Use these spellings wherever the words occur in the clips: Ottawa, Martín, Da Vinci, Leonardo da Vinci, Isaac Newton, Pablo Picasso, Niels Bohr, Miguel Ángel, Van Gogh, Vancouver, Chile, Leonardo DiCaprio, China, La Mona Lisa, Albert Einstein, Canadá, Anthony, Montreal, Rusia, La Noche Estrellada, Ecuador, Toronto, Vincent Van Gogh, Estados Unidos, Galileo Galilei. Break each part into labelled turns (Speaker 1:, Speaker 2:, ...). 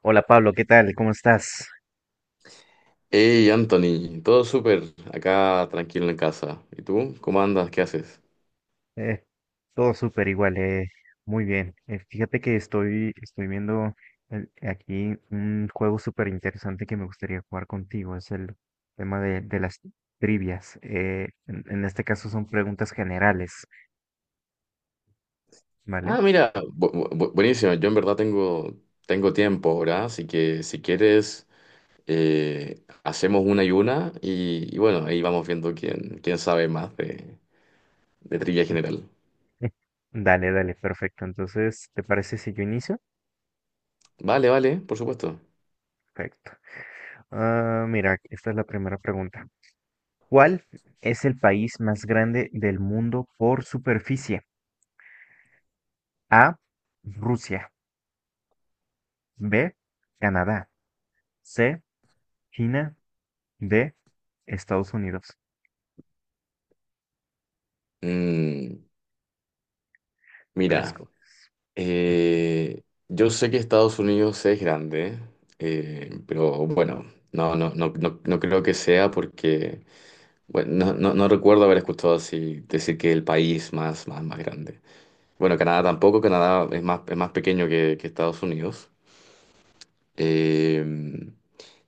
Speaker 1: Hola Pablo, ¿qué tal? ¿Cómo estás?
Speaker 2: Hey Anthony, todo súper, acá tranquilo en casa. ¿Y tú? ¿Cómo andas? ¿Qué haces?
Speaker 1: Eh, todo súper igual, muy bien. Fíjate que estoy viendo aquí un juego súper interesante que me gustaría jugar contigo. Es el tema de las trivias. En este caso son preguntas generales,
Speaker 2: Ah,
Speaker 1: ¿vale?
Speaker 2: mira, buenísimo. Yo en verdad tengo tiempo ahora, así que si quieres, hacemos una y una y bueno, ahí vamos viendo quién sabe más de trivia general.
Speaker 1: Dale, dale, perfecto. Entonces, ¿te parece si yo inicio?
Speaker 2: Vale, vale, por supuesto.
Speaker 1: Perfecto. Ah, mira, esta es la primera pregunta. ¿Cuál es el país más grande del mundo por superficie? A. Rusia. B. Canadá. C. China. D. Estados Unidos.
Speaker 2: Mm,
Speaker 1: ¿Cuál
Speaker 2: mira,
Speaker 1: escoge?
Speaker 2: eh, yo sé que Estados Unidos es grande, pero bueno, no, no, no, no, no creo que sea porque... Bueno, no, no, no recuerdo haber escuchado así decir que el país más grande. Bueno, Canadá tampoco, Canadá es más pequeño que Estados Unidos. Eh,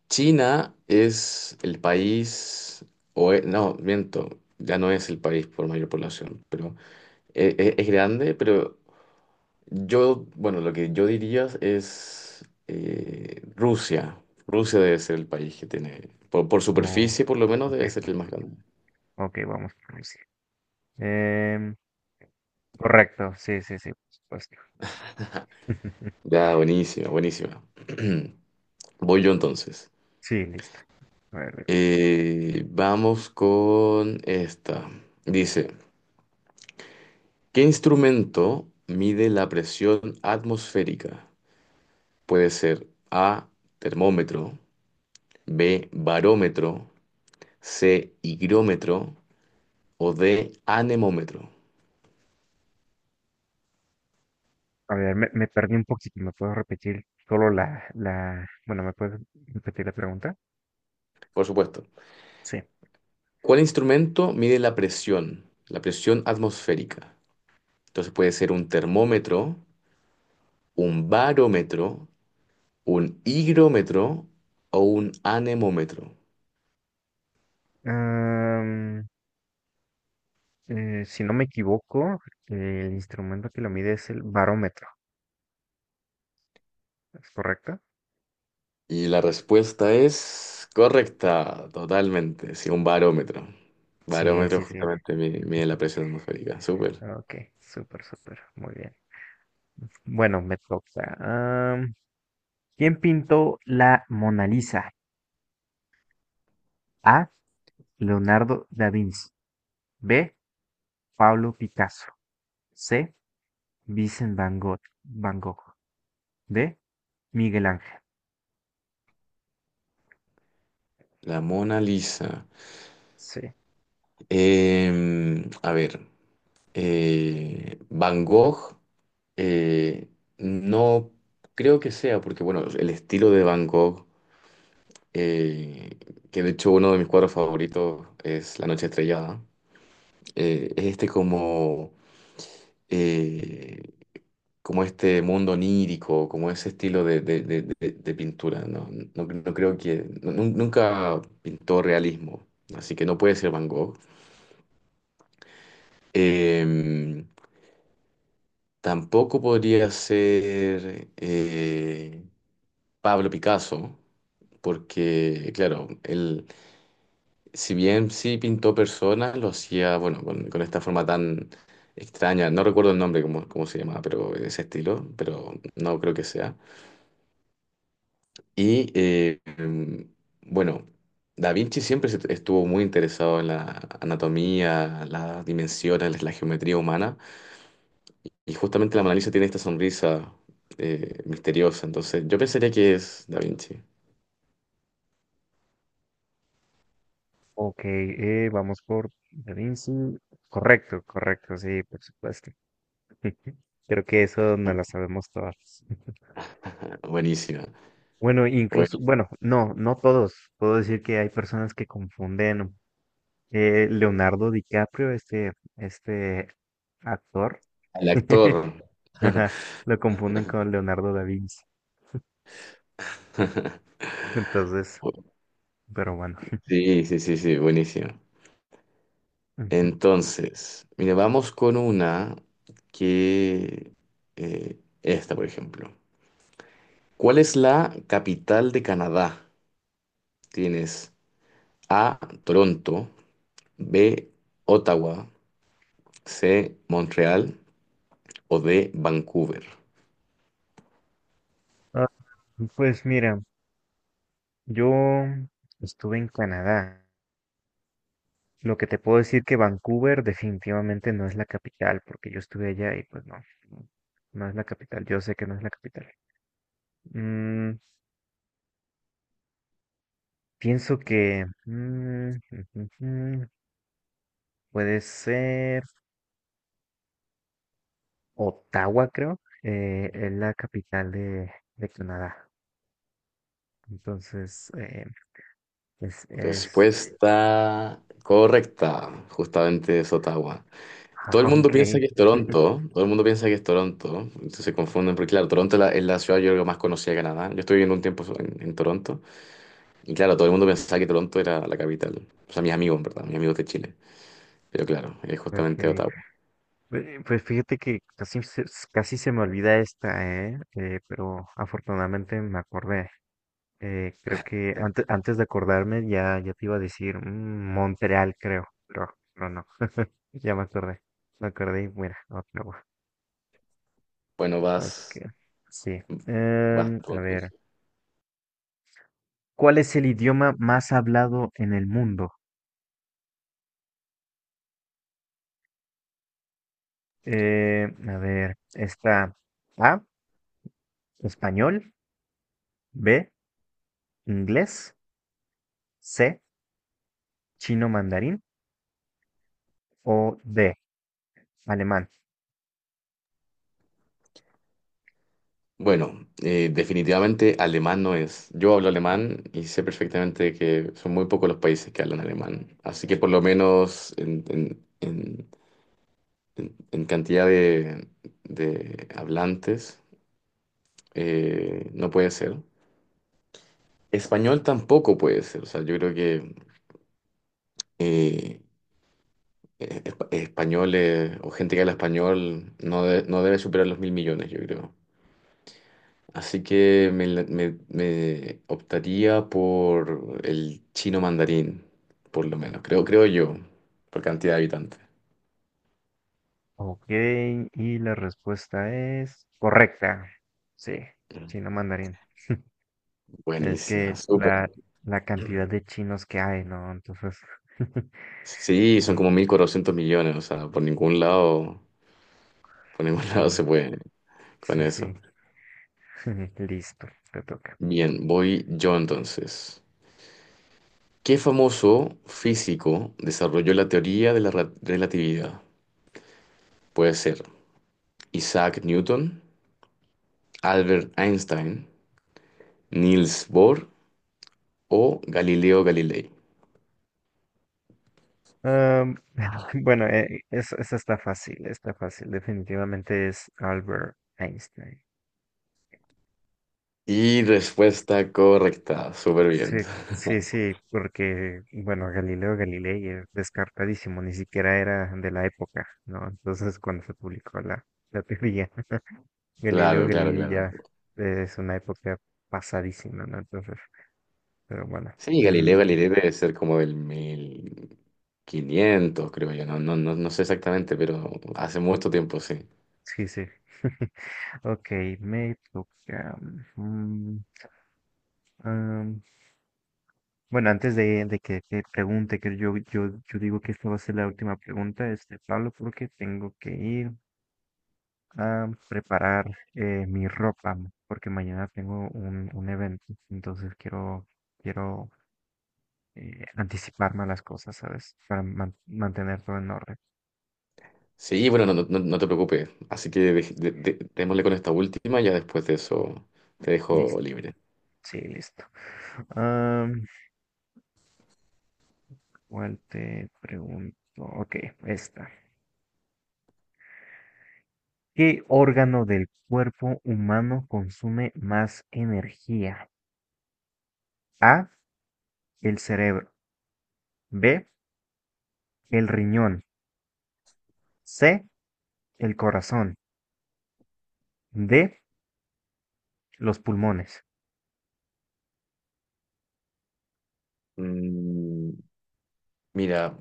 Speaker 2: China es el país, no, miento, ya no es el país por mayor población. Es grande, pero yo, bueno, lo que yo diría es Rusia. Rusia debe ser el país que tiene, por
Speaker 1: Oh,
Speaker 2: superficie por lo menos, debe
Speaker 1: ok,
Speaker 2: ser el más grande.
Speaker 1: ok, vamos por Rusia. Em, Correcto, sí, sí, sí, por supuesto.
Speaker 2: Ya, buenísima, buenísima. Voy yo entonces.
Speaker 1: Sí, listo. A ver, dime.
Speaker 2: Vamos con esta. Dice, ¿qué instrumento mide la presión atmosférica? Puede ser A, termómetro, B, barómetro, C, higrómetro o D, anemómetro.
Speaker 1: A ver, me perdí un poquito. ¿Me puedo repetir solo la, la, bueno, ¿me puedes repetir la pregunta?
Speaker 2: Por supuesto.
Speaker 1: Sí.
Speaker 2: ¿Cuál instrumento mide la presión? La presión atmosférica. Entonces puede ser un termómetro, un barómetro, un higrómetro o un anemómetro.
Speaker 1: Am, si no me equivoco, el instrumento que lo mide es el barómetro, ¿es correcto?
Speaker 2: Y la respuesta es correcta, totalmente. Sí, un barómetro.
Speaker 1: Sí,
Speaker 2: Barómetro
Speaker 1: sí, sí.
Speaker 2: justamente mide la presión atmosférica. Súper.
Speaker 1: Ok, súper, súper. Muy bien. Bueno, me toca. Am, ¿Quién pintó la Mona Lisa? A. Leonardo da Vinci. B. Pablo Picasso. C. Vincent Van Gogh. Van Gogh. D. Miguel Ángel.
Speaker 2: La Mona Lisa.
Speaker 1: Sí.
Speaker 2: Em, a ver. Eh, Van Gogh. eh, no creo que sea, porque bueno, el estilo de Van Gogh, eh, que de hecho uno de mis cuadros favoritos es La Noche Estrellada, es este como... eh, como este mundo onírico, como ese estilo de pintura. No, no, no creo que... nunca pintó realismo, así que no puede ser Van Gogh. Eh, Tampoco podría ser Pablo Picasso, porque, claro, él, si bien sí pintó personas, lo hacía, bueno, con esta forma tan extraña, no recuerdo el nombre, cómo se llamaba, pero ese estilo, pero no creo que sea. Y bueno, Da Vinci siempre estuvo muy interesado en la anatomía, las dimensiones, la geometría humana. Y justamente la Mona Lisa tiene esta sonrisa misteriosa. Entonces, yo pensaría que es Da Vinci.
Speaker 1: Ok, vamos por Da Vinci. Correcto, correcto, sí, por supuesto. Creo que eso no lo sabemos todos.
Speaker 2: Buenísima.
Speaker 1: Bueno, incluso,
Speaker 2: Bueno,
Speaker 1: bueno, no, no todos. Puedo decir que hay personas que confunden Leonardo DiCaprio, este actor,
Speaker 2: el actor.
Speaker 1: ajá, lo confunden con Leonardo da Vinci. Entonces, pero bueno.
Speaker 2: Sí, sí, sí, sí, buenísimo.
Speaker 1: Ujú.
Speaker 2: Entonces, mire, vamos con una que esta, por ejemplo. ¿Cuál es la capital de Canadá? Tienes A, Toronto, B, Ottawa, C, Montreal o D, Vancouver.
Speaker 1: Ah, pues mira, yo estuve en Canadá. Lo que te puedo decir que Vancouver definitivamente no es la capital, porque yo estuve allá y pues no no es la capital. Yo sé que no es la capital. Mm, Pienso que mm, mm, puede ser Ottawa, creo. Es la capital de Canadá. Entonces, es...
Speaker 2: Respuesta correcta, justamente es Ottawa. Todo el
Speaker 1: ah,
Speaker 2: mundo piensa
Speaker 1: ok,
Speaker 2: que es Toronto, todo el mundo piensa que es Toronto, entonces se confunden, porque claro, Toronto es la ciudad yo creo más conocida de Canadá. Yo estuve viviendo un tiempo en Toronto y claro, todo el mundo pensaba que Toronto era la capital. O sea, mis amigos, en verdad, mis amigos de Chile, pero claro, es justamente
Speaker 1: ok.
Speaker 2: Ottawa.
Speaker 1: Pues fíjate que casi se me olvida esta, ¿eh? Pero afortunadamente me acordé. Creo que antes de acordarme ya te iba a decir Montreal, creo. Pero no, ya me acordé. Me acordé y mira, Ottawa.
Speaker 2: Bueno,
Speaker 1: Ok,
Speaker 2: vas
Speaker 1: sí.
Speaker 2: Vas tú,
Speaker 1: A ver,
Speaker 2: entonces.
Speaker 1: ¿cuál es el idioma más hablado en el mundo? A ver, está A, español, B, inglés, C, chino mandarín o D, alemán.
Speaker 2: Bueno, definitivamente alemán no es. Yo hablo alemán y sé perfectamente que son muy pocos los países que hablan alemán. Así que por lo menos en cantidad de hablantes no puede ser. Español tampoco puede ser. O sea, yo creo que eh, españoles o gente que habla español no, no debe superar los 1.000 millones, yo creo. Así que me optaría por el chino mandarín, por lo menos, creo yo, por cantidad de habitantes.
Speaker 1: Ok, y la respuesta es correcta. Sí, chino mandarín. Es
Speaker 2: Buenísima,
Speaker 1: que
Speaker 2: súper.
Speaker 1: la cantidad de chinos que hay, ¿no? Entonces,
Speaker 2: Sí, son
Speaker 1: no,
Speaker 2: como 1.400 millones, o sea, por ningún lado, por ningún lado
Speaker 1: sí,
Speaker 2: se puede con
Speaker 1: sí,
Speaker 2: eso.
Speaker 1: sí. Listo, te toca.
Speaker 2: Bien, voy yo entonces. ¿Qué famoso físico desarrolló la teoría de la relatividad? Puede ser Isaac Newton, Albert Einstein, Niels Bohr o Galileo Galilei.
Speaker 1: Am, bueno, esa está fácil, está fácil. Definitivamente es Albert Einstein.
Speaker 2: Y respuesta correcta, súper
Speaker 1: Sí,
Speaker 2: bien.
Speaker 1: sí, sí, porque, bueno, Galileo Galilei es descartadísimo, ni siquiera era de la época, ¿no? Entonces, cuando se publicó la teoría, Galileo
Speaker 2: Claro, claro,
Speaker 1: Galilei
Speaker 2: claro.
Speaker 1: ya es una época pasadísima, ¿no? Entonces, pero bueno,
Speaker 2: Sí,
Speaker 1: mm,
Speaker 2: Galileo Galilei debe ser como del 1500 creo yo. No, no, no, no sé exactamente, pero hace mucho tiempo, sí.
Speaker 1: sí, sí. Ok, me toca. mm, am, Bueno, antes de que te pregunte, que yo digo que esta va a ser la última pregunta, este, Pablo, porque tengo que ir a preparar mi ropa, porque mañana tengo un evento, entonces quiero anticiparme a las cosas, ¿sabes? Para mantener todo en orden.
Speaker 2: Sí, bueno, no, no, no te preocupes. Así que démosle con esta última, ya después de eso te dejo
Speaker 1: Listo,
Speaker 2: libre.
Speaker 1: sí, listo. Am, ¿Cuál te pregunto? Ok, esta. ¿Qué órgano del cuerpo humano consume más energía? A. El cerebro, B, el riñón, C, el corazón, D, los pulmones.
Speaker 2: Mm, mira,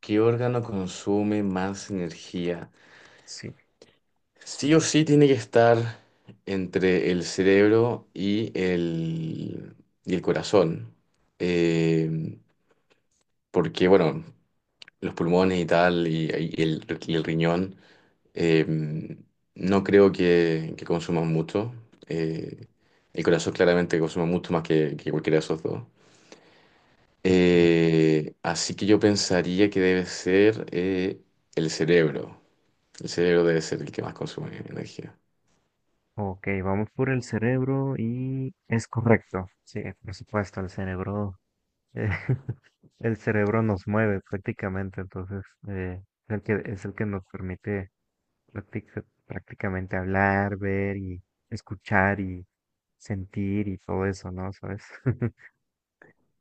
Speaker 2: ¿qué órgano consume más energía?
Speaker 1: Sí,
Speaker 2: Sí o sí tiene que estar entre el cerebro y el corazón. Eh, Porque, bueno, los pulmones y tal, y el riñón, eh, no creo que consuman mucho. Eh, el corazón claramente consume mucho más que cualquiera de esos dos.
Speaker 1: ok.
Speaker 2: Así que yo pensaría que debe ser el cerebro. El cerebro debe ser el que más consume energía.
Speaker 1: Ok, vamos por el cerebro y es correcto. Sí, por supuesto, el cerebro, eh, el cerebro nos mueve prácticamente, entonces es el que nos permite prácticamente hablar, ver y escuchar y sentir y todo eso, ¿no? ¿Sabes?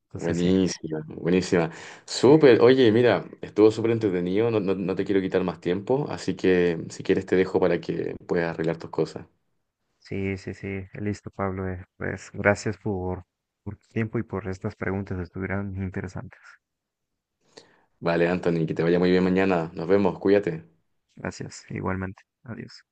Speaker 1: Entonces sí.
Speaker 2: Buenísima, buenísima. Súper, oye, mira, estuvo súper entretenido, no, no, no te quiero quitar más tiempo, así que si quieres te dejo para que puedas arreglar tus cosas.
Speaker 1: Sí, sí, sí, listo, Pablo. Pues gracias por tu tiempo y por estas preguntas, estuvieron interesantes.
Speaker 2: Vale, Anthony, que te vaya muy bien mañana. Nos vemos, cuídate.
Speaker 1: Gracias, igualmente. Adiós.